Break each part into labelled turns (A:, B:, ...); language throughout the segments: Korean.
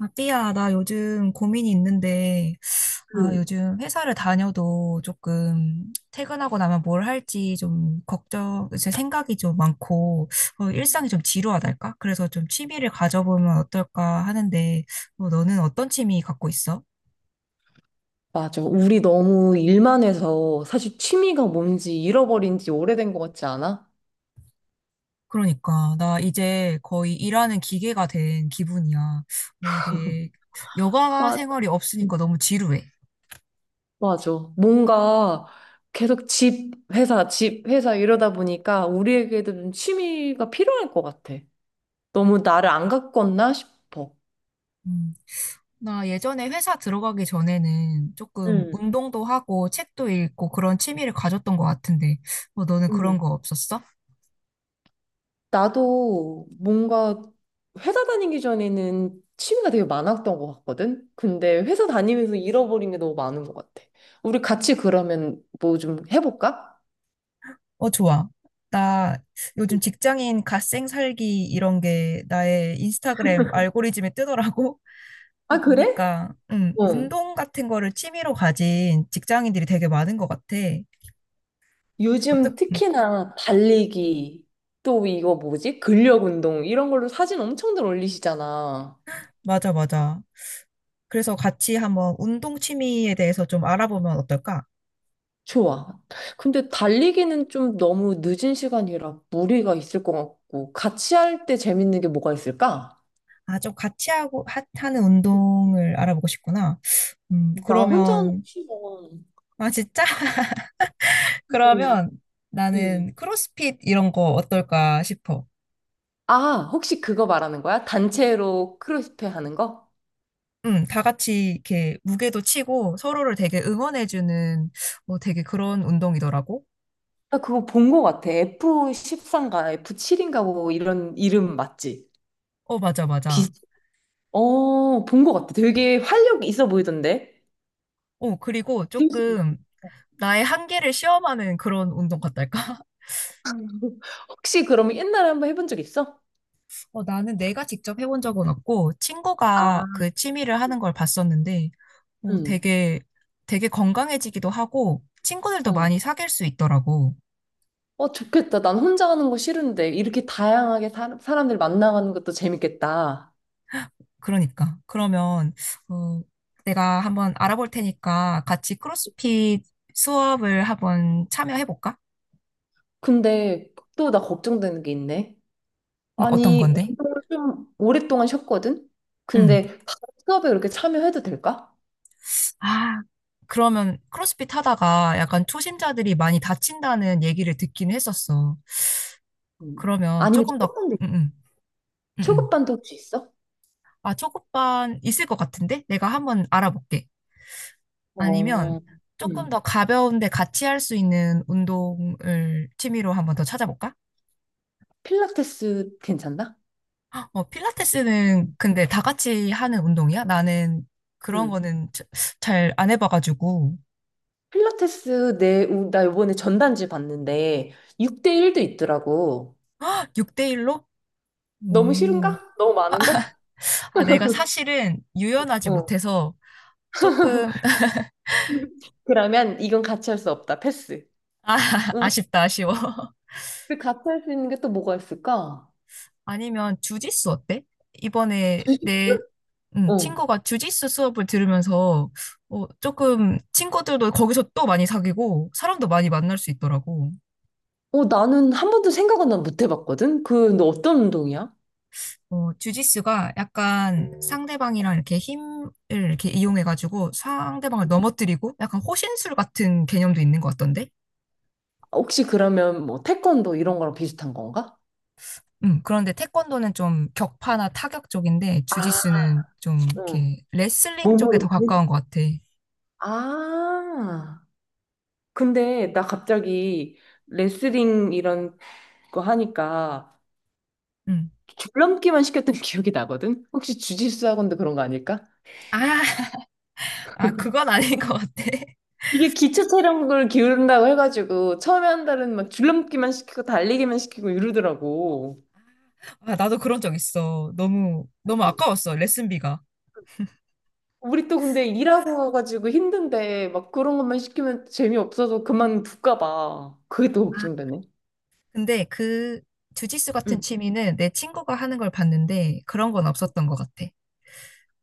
A: 아, 삐야, 나 요즘 고민이 있는데, 아,
B: 음,
A: 요즘 회사를 다녀도 조금 퇴근하고 나면 뭘 할지 좀 걱정, 제 생각이 좀 많고, 어, 일상이 좀 지루하달까? 그래서 좀 취미를 가져보면 어떨까 하는데, 어, 너는 어떤 취미 갖고 있어?
B: 맞아. 우리 너무 일만 해서 사실 취미가 뭔지 잃어버린 지 오래된 것 같지 않아?
A: 그러니까, 나 이제 거의 일하는 기계가 된 기분이야. 어, 내 여가
B: 맞아.
A: 생활이 없으니까
B: 음.
A: 너무 지루해.
B: 맞아. 뭔가 계속 집, 회사, 집, 회사 이러다 보니까 우리에게도 좀 취미가 필요할 것 같아. 너무 나를 안 가꿨나 싶어.
A: 음. 나 예전에 회사 들어가기 전에는 조금
B: 응,
A: 운동도 하고 책도 읽고 그런 취미를 가졌던 것 같은데, 뭐 너는 그런
B: 음.
A: 거 없었어?
B: 나도 뭔가 회사 다니기 전에는 취미가 되게 많았던 것 같거든? 근데 회사 다니면서 잃어버린 게 너무 많은 것 같아. 우리 같이 그러면 뭐 좀 해볼까?
A: 어, 좋아. 나 요즘 직장인 갓생 살기 이런 게 나의 인스타그램 알고리즘에 뜨더라고. 그거
B: 아, 그래?
A: 보니까,
B: 어.
A: 운동 같은 거를 취미로 가진 직장인들이 되게 많은 것 같아. 어떠,
B: 요즘
A: 음,
B: 특히나 달리기, 또 이거 뭐지? 근력 운동, 이런 걸로 사진 엄청들 올리시잖아.
A: 맞아, 맞아. 그래서 같이 한번 운동 취미에 대해서 좀 알아보면 어떨까?
B: 좋아. 근데 달리기는 좀 너무 늦은 시간이라 무리가 있을 것 같고, 같이 할 때 재밌는 게 뭐가 있을까?
A: 아, 좀 같이 하고, 하는 운동을 알아보고 싶구나.
B: 나 혼자 하는 거
A: 그러면,
B: 싫어.
A: 아, 진짜?
B: 응.
A: 그러면 나는
B: 응.
A: 크로스핏 이런 거 어떨까 싶어.
B: 아, 혹시 그거 말하는 거야? 단체로 크로스페 하는 거?
A: 다 같이 이렇게 무게도 치고 서로를 되게 응원해주는 뭐 되게 그런 운동이더라고.
B: 나 그거 본 거 같아. f 1삼인가 F7인가 뭐 이런 이름 맞지?
A: 어, 맞아, 맞아.
B: 어, 본 것 같아. 되게 활력 있어 보이던데?
A: 어, 그리고
B: 되게-
A: 조금 나의 한계를 시험하는 그런 운동 같달까?
B: 혹시 그러면 옛날에 한번 해본 적 있어?
A: 어, 나는 내가 직접 해본 적은 없고,
B: 아,
A: 친구가 그 취미를 하는 걸 봤었는데, 어,
B: 응.
A: 되게, 되게 건강해지기도 하고, 친구들도
B: 어.
A: 많이 사귈 수 있더라고.
B: 어, 좋겠다. 난 혼자 하는 거 싫은데, 이렇게 다양하게 사람들 만나가는 것도 재밌겠다.
A: 그러니까. 그러면, 어, 내가 한번 알아볼 테니까 같이 크로스핏 수업을 한번 참여해볼까?
B: 근데 또 나 걱정되는 게 있네.
A: 어떤
B: 아니,
A: 건데?
B: 운동을 좀 오랫동안 쉬었거든?
A: 응.
B: 근데 바로 수업에 그렇게 참여해도 될까?
A: 아, 그러면 크로스핏 하다가 약간 초심자들이 많이 다친다는 얘기를 듣긴 했었어.
B: 음.
A: 그러면
B: 아니면
A: 조금 더,
B: 초급반도
A: 응
B: 있나?
A: 응 응응.
B: 초급반도 혹시 있어?
A: 아, 초급반 있을 것 같은데? 내가 한번 알아볼게. 아니면
B: 어,
A: 조금
B: 음.
A: 더 가벼운데 같이 할 수 있는 운동을 취미로 한번 더 찾아볼까?
B: 필라테스 괜찮나?
A: 어, 필라테스는
B: 응.
A: 근데 다 같이 하는 운동이야? 나는 그런
B: 음.
A: 거는 잘 안 해봐가지고.
B: 필라테스 나 이번에 전단지 봤는데 6대1도 있더라고.
A: 6대1로?
B: 너무
A: 오.
B: 싫은가? 너무 많은가?
A: 아, 내가 사실은 유연하지
B: 어.
A: 못해서 조금,
B: 그러면 이건 같이 할 수 없다. 패스.
A: 아,
B: 우리
A: 아쉽다, 아쉬워.
B: 그 같이 할 수 있는 게 또 뭐가 있을까?
A: 아니면 주짓수 어때? 이번에 내
B: 어.
A: 친구가 주짓수 수업을 들으면서 어, 조금 친구들도 거기서 또 많이 사귀고 사람도 많이 만날 수 있더라고.
B: 어, 나는 한 번도 생각은 난 못 해봤거든? 그, 너 어떤 운동이야?
A: 어, 주짓수가 약간 상대방이랑 이렇게 힘을 이렇게 이용해가지고 상대방을 넘어뜨리고 약간 호신술 같은 개념도 있는 것 같던데?
B: 혹시 그러면 뭐 태권도 이런 거랑 비슷한 건가?
A: 그런데 태권도는 좀 격파나 타격 쪽인데
B: 아,
A: 주짓수는 좀
B: 어.
A: 이렇게 레슬링 쪽에 더
B: 몸으로.
A: 가까운 것 같아.
B: 아. 근데 나 갑자기 레슬링 이런 거 하니까
A: 음.
B: 줄넘기만 시켰던 기억이 나거든? 혹시 주짓수 학원도 그런 거 아닐까?
A: 아, 아, 그건 아닌 것 같아.
B: 이게 기초 체력을 기울인다고 해가지고 처음에 한 달은 막 줄넘기만 시키고 달리기만 시키고 이러더라고.
A: 아, 나도 그런 적 있어. 너무, 너무 아까웠어, 레슨비가.
B: 우리 또 근데 일하고 와가지고 힘든데 막 그런 것만 시키면 재미없어서 그만둘까 봐. 그게 또
A: 아,
B: 걱정되네.
A: 근데 그 주짓수 같은
B: 응.
A: 취미는 내 친구가 하는 걸 봤는데 그런 건 없었던 것 같아.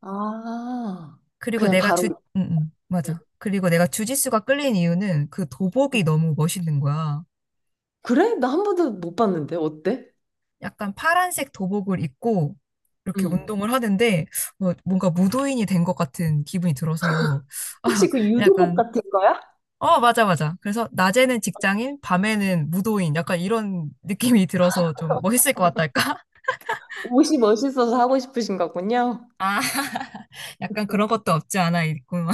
B: 아,
A: 그리고
B: 그냥
A: 내가
B: 바로.
A: 응, 응,
B: 응.
A: 맞아. 그리고 내가 주짓수가 끌린 이유는 그
B: 응.
A: 도복이 너무 멋있는 거야.
B: 그래? 나 한 번도 못 봤는데 어때?
A: 약간 파란색 도복을 입고 이렇게
B: 응.
A: 운동을 하는데 뭐 뭔가 무도인이 된 것 같은 기분이 들어서 아,
B: 혹시 그 유도복
A: 약간
B: 같은 거야?
A: 어, 맞아, 맞아. 그래서 낮에는 직장인, 밤에는 무도인, 약간 이런 느낌이 들어서 좀 멋있을 것 같달까?
B: 옷이 멋있어서 하고 싶으신 거군요.
A: 아, 약간 그런 것도 없지 않아 있구만.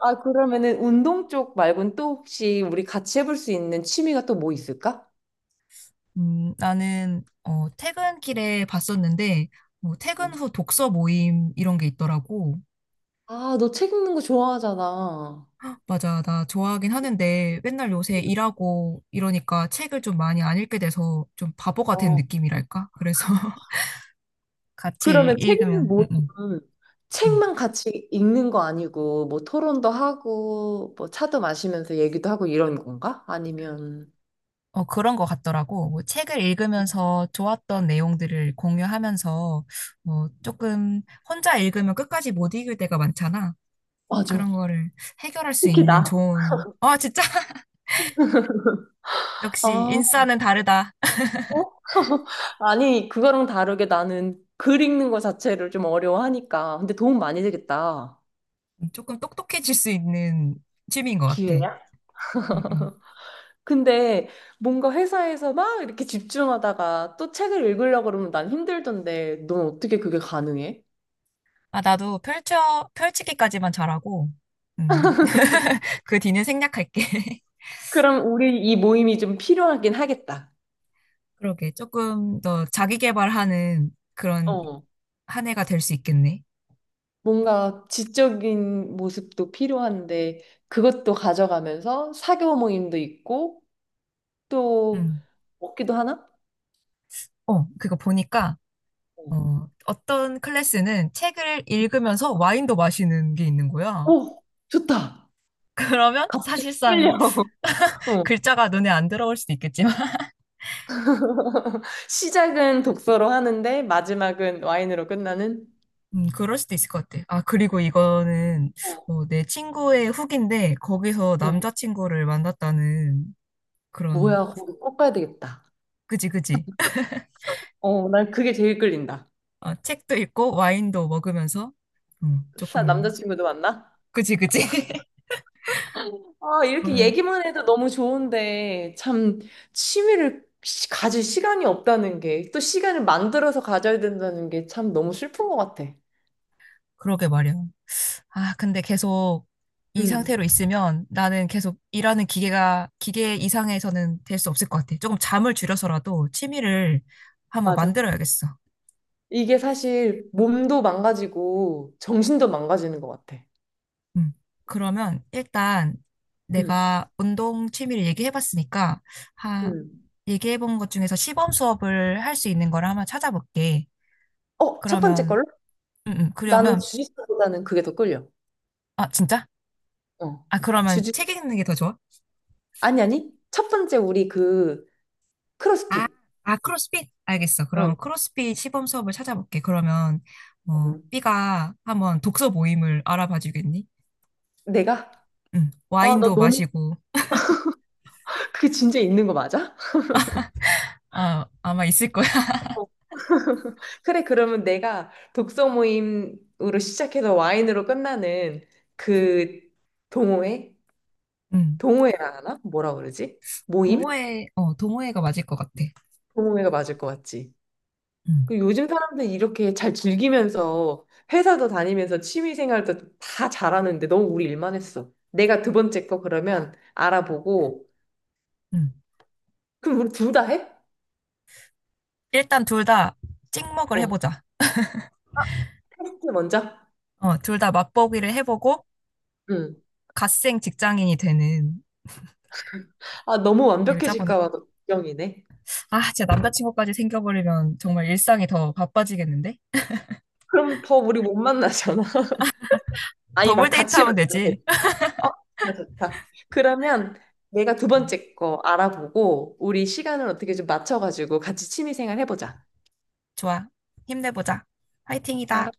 B: 아, 그러면은 운동 쪽 말고는 또 혹시 우리 같이 해볼 수 있는 취미가 또 뭐 있을까?
A: 나는 어, 퇴근길에 봤었는데 뭐 퇴근
B: 음.
A: 후 독서 모임 이런 게 있더라고.
B: 아, 너 책 읽는 거 좋아하잖아.
A: 맞아, 나 좋아하긴 하는데 맨날 요새 일하고 이러니까 책을 좀 많이 안 읽게 돼서 좀 바보가 된
B: 어.
A: 느낌이랄까? 그래서 같이 읽-
B: 그러면 책 읽는
A: 읽으면
B: 모임은
A: 음.
B: 책만 같이 읽는 거 아니고 뭐 토론도 하고 뭐 차도 마시면서 얘기도 하고 이런 건가? 아니면
A: 어, 그런 것 같더라고. 뭐 책을 읽으면서 좋았던 내용들을 공유하면서 뭐 조금 혼자 읽으면 끝까지 못 읽을 때가 많잖아.
B: 맞아.
A: 그런 거를 해결할 수
B: 특히
A: 있는
B: 나.
A: 좋은, 아, 진짜 역시
B: 아, 어?
A: 인싸는 다르다.
B: 아니, 그거랑 다르게 나는 글 읽는 거 자체를 좀 어려워하니까. 근데 도움 많이 되겠다.
A: 조금 똑똑해질 수 있는 취미인 것 같아. 음,
B: 기회야?
A: 음.
B: 근데 뭔가 회사에서 막 이렇게 집중하다가 또 책을 읽으려고 그러면 난 힘들던데 넌 어떻게 그게 가능해?
A: 아, 나도 펼쳐, 펼치기까지만 잘하고, 음, 그 뒤는 생략할게.
B: 그럼 우리 이 모임이 좀 필요하긴 하겠다.
A: 그러게. 조금 더 자기 개발하는 그런
B: 어.
A: 한 해가 될 수 있겠네.
B: 뭔가 지적인 모습도 필요한데 그것도 가져가면서 사교 모임도 있고 또
A: 음.
B: 먹기도 하나?
A: 어, 그거 보니까
B: 어.
A: 어, 어떤 클래스는 책을 읽으면서 와인도 마시는 게 있는 거야.
B: 오, 좋다.
A: 그러면
B: 갑자기
A: 사실상
B: 끌려. 어.
A: 글자가 눈에 안 들어올 수도 있겠지만,
B: 시작은 독서로 하는데 마지막은 와인으로 끝나는?
A: 그럴 수도 있을 것 같아. 아, 그리고 이거는
B: 어,
A: 어, 내 친구의 후기인데, 거기서
B: 어.
A: 남자친구를 만났다는 그런,
B: 뭐야, 거기 꼭 가야 되겠다.
A: 그지, 그지.
B: 어, 난 그게 제일 끌린다.
A: 아, 책도 읽고 와인도 먹으면서,
B: 사
A: 조금,
B: 남자친구도 만나?
A: 그지, 그지.
B: 아, 이렇게
A: 그래,
B: 얘기만 해도 너무 좋은데, 참, 취미를 가질 시간이 없다는 게, 또 시간을 만들어서 가져야 된다는 게 참 너무 슬픈 것 같아.
A: 그러게 말이야. 아, 근데 계속 이
B: 응,
A: 상태로 있으면 나는 계속 일하는 기계 이상에서는 될 수 없을 것 같아. 조금 잠을 줄여서라도 취미를 한번
B: 맞아.
A: 만들어야겠어.
B: 이게 사실 몸도 망가지고, 정신도 망가지는 것 같아.
A: 음. 그러면 일단
B: 응,
A: 내가 운동 취미를 얘기해봤으니까, 하,
B: 응.
A: 얘기해본 것 중에서 시범 수업을 할 수 있는 걸 한번 찾아볼게.
B: 어, 첫 번째
A: 그러면,
B: 걸로?
A: 음, 음,
B: 나는
A: 그러면,
B: 주짓수보다는 그게 더 끌려.
A: 아, 진짜?
B: 어.
A: 아, 그러면
B: 주짓,
A: 책 읽는 게 더 좋아?
B: 아니, 아니. 첫 번째 우리 그,
A: 아,
B: 크로스핏.
A: 크로스핏? 알겠어. 그럼
B: 어.
A: 크로스핏 시범 수업을 찾아볼게. 그러면, 어,
B: 응.
A: B가 한번 독서 모임을 알아봐 주겠니?
B: 내가?
A: 응.
B: 아, 나
A: 와인도
B: 너무
A: 마시고,
B: 그 진짜 있는 거 맞아?
A: 아, 아마 있을 거야.
B: 어. 그래, 그러면 내가 독서 모임으로 시작해서 와인으로 끝나는 그 동호회?
A: 응.
B: 동호회라 하나? 뭐라 그러지? 모임?
A: 동호회가 맞을 것 같아.
B: 동호회가 맞을 것 같지?
A: 응,
B: 그 요즘 사람들 이렇게 잘 즐기면서 회사도 다니면서 취미 생활도 다 잘하는데 너무 우리 일만 했어. 내가 두 번째 거 그러면 알아보고
A: 응.
B: 그럼 우리 둘 다 해?
A: 일단 둘 다 찍먹을
B: 어.
A: 해보자.
B: 테스트 먼저?
A: 어, 둘 다 맛보기를 해보고,
B: 응.
A: 갓생 직장인이 되는,
B: 아, 너무
A: 계획을 짜보는 거.
B: 완벽해질까 봐 걱정이네.
A: 아, 진짜 남자친구까지 생겨버리면 정말 일상이 더 바빠지겠는데?
B: 그럼 더 우리 못 만나잖아. 아니다,
A: 더블 데이트
B: 같이
A: 하면
B: 만들면 돼.
A: 되지.
B: 어, 좋다, 좋다. 그러면 내가 두 번째 거 알아보고, 우리 시간을 어떻게 좀 맞춰가지고 같이 취미생활 해보자.
A: 좋아. 힘내보자. 화이팅이다.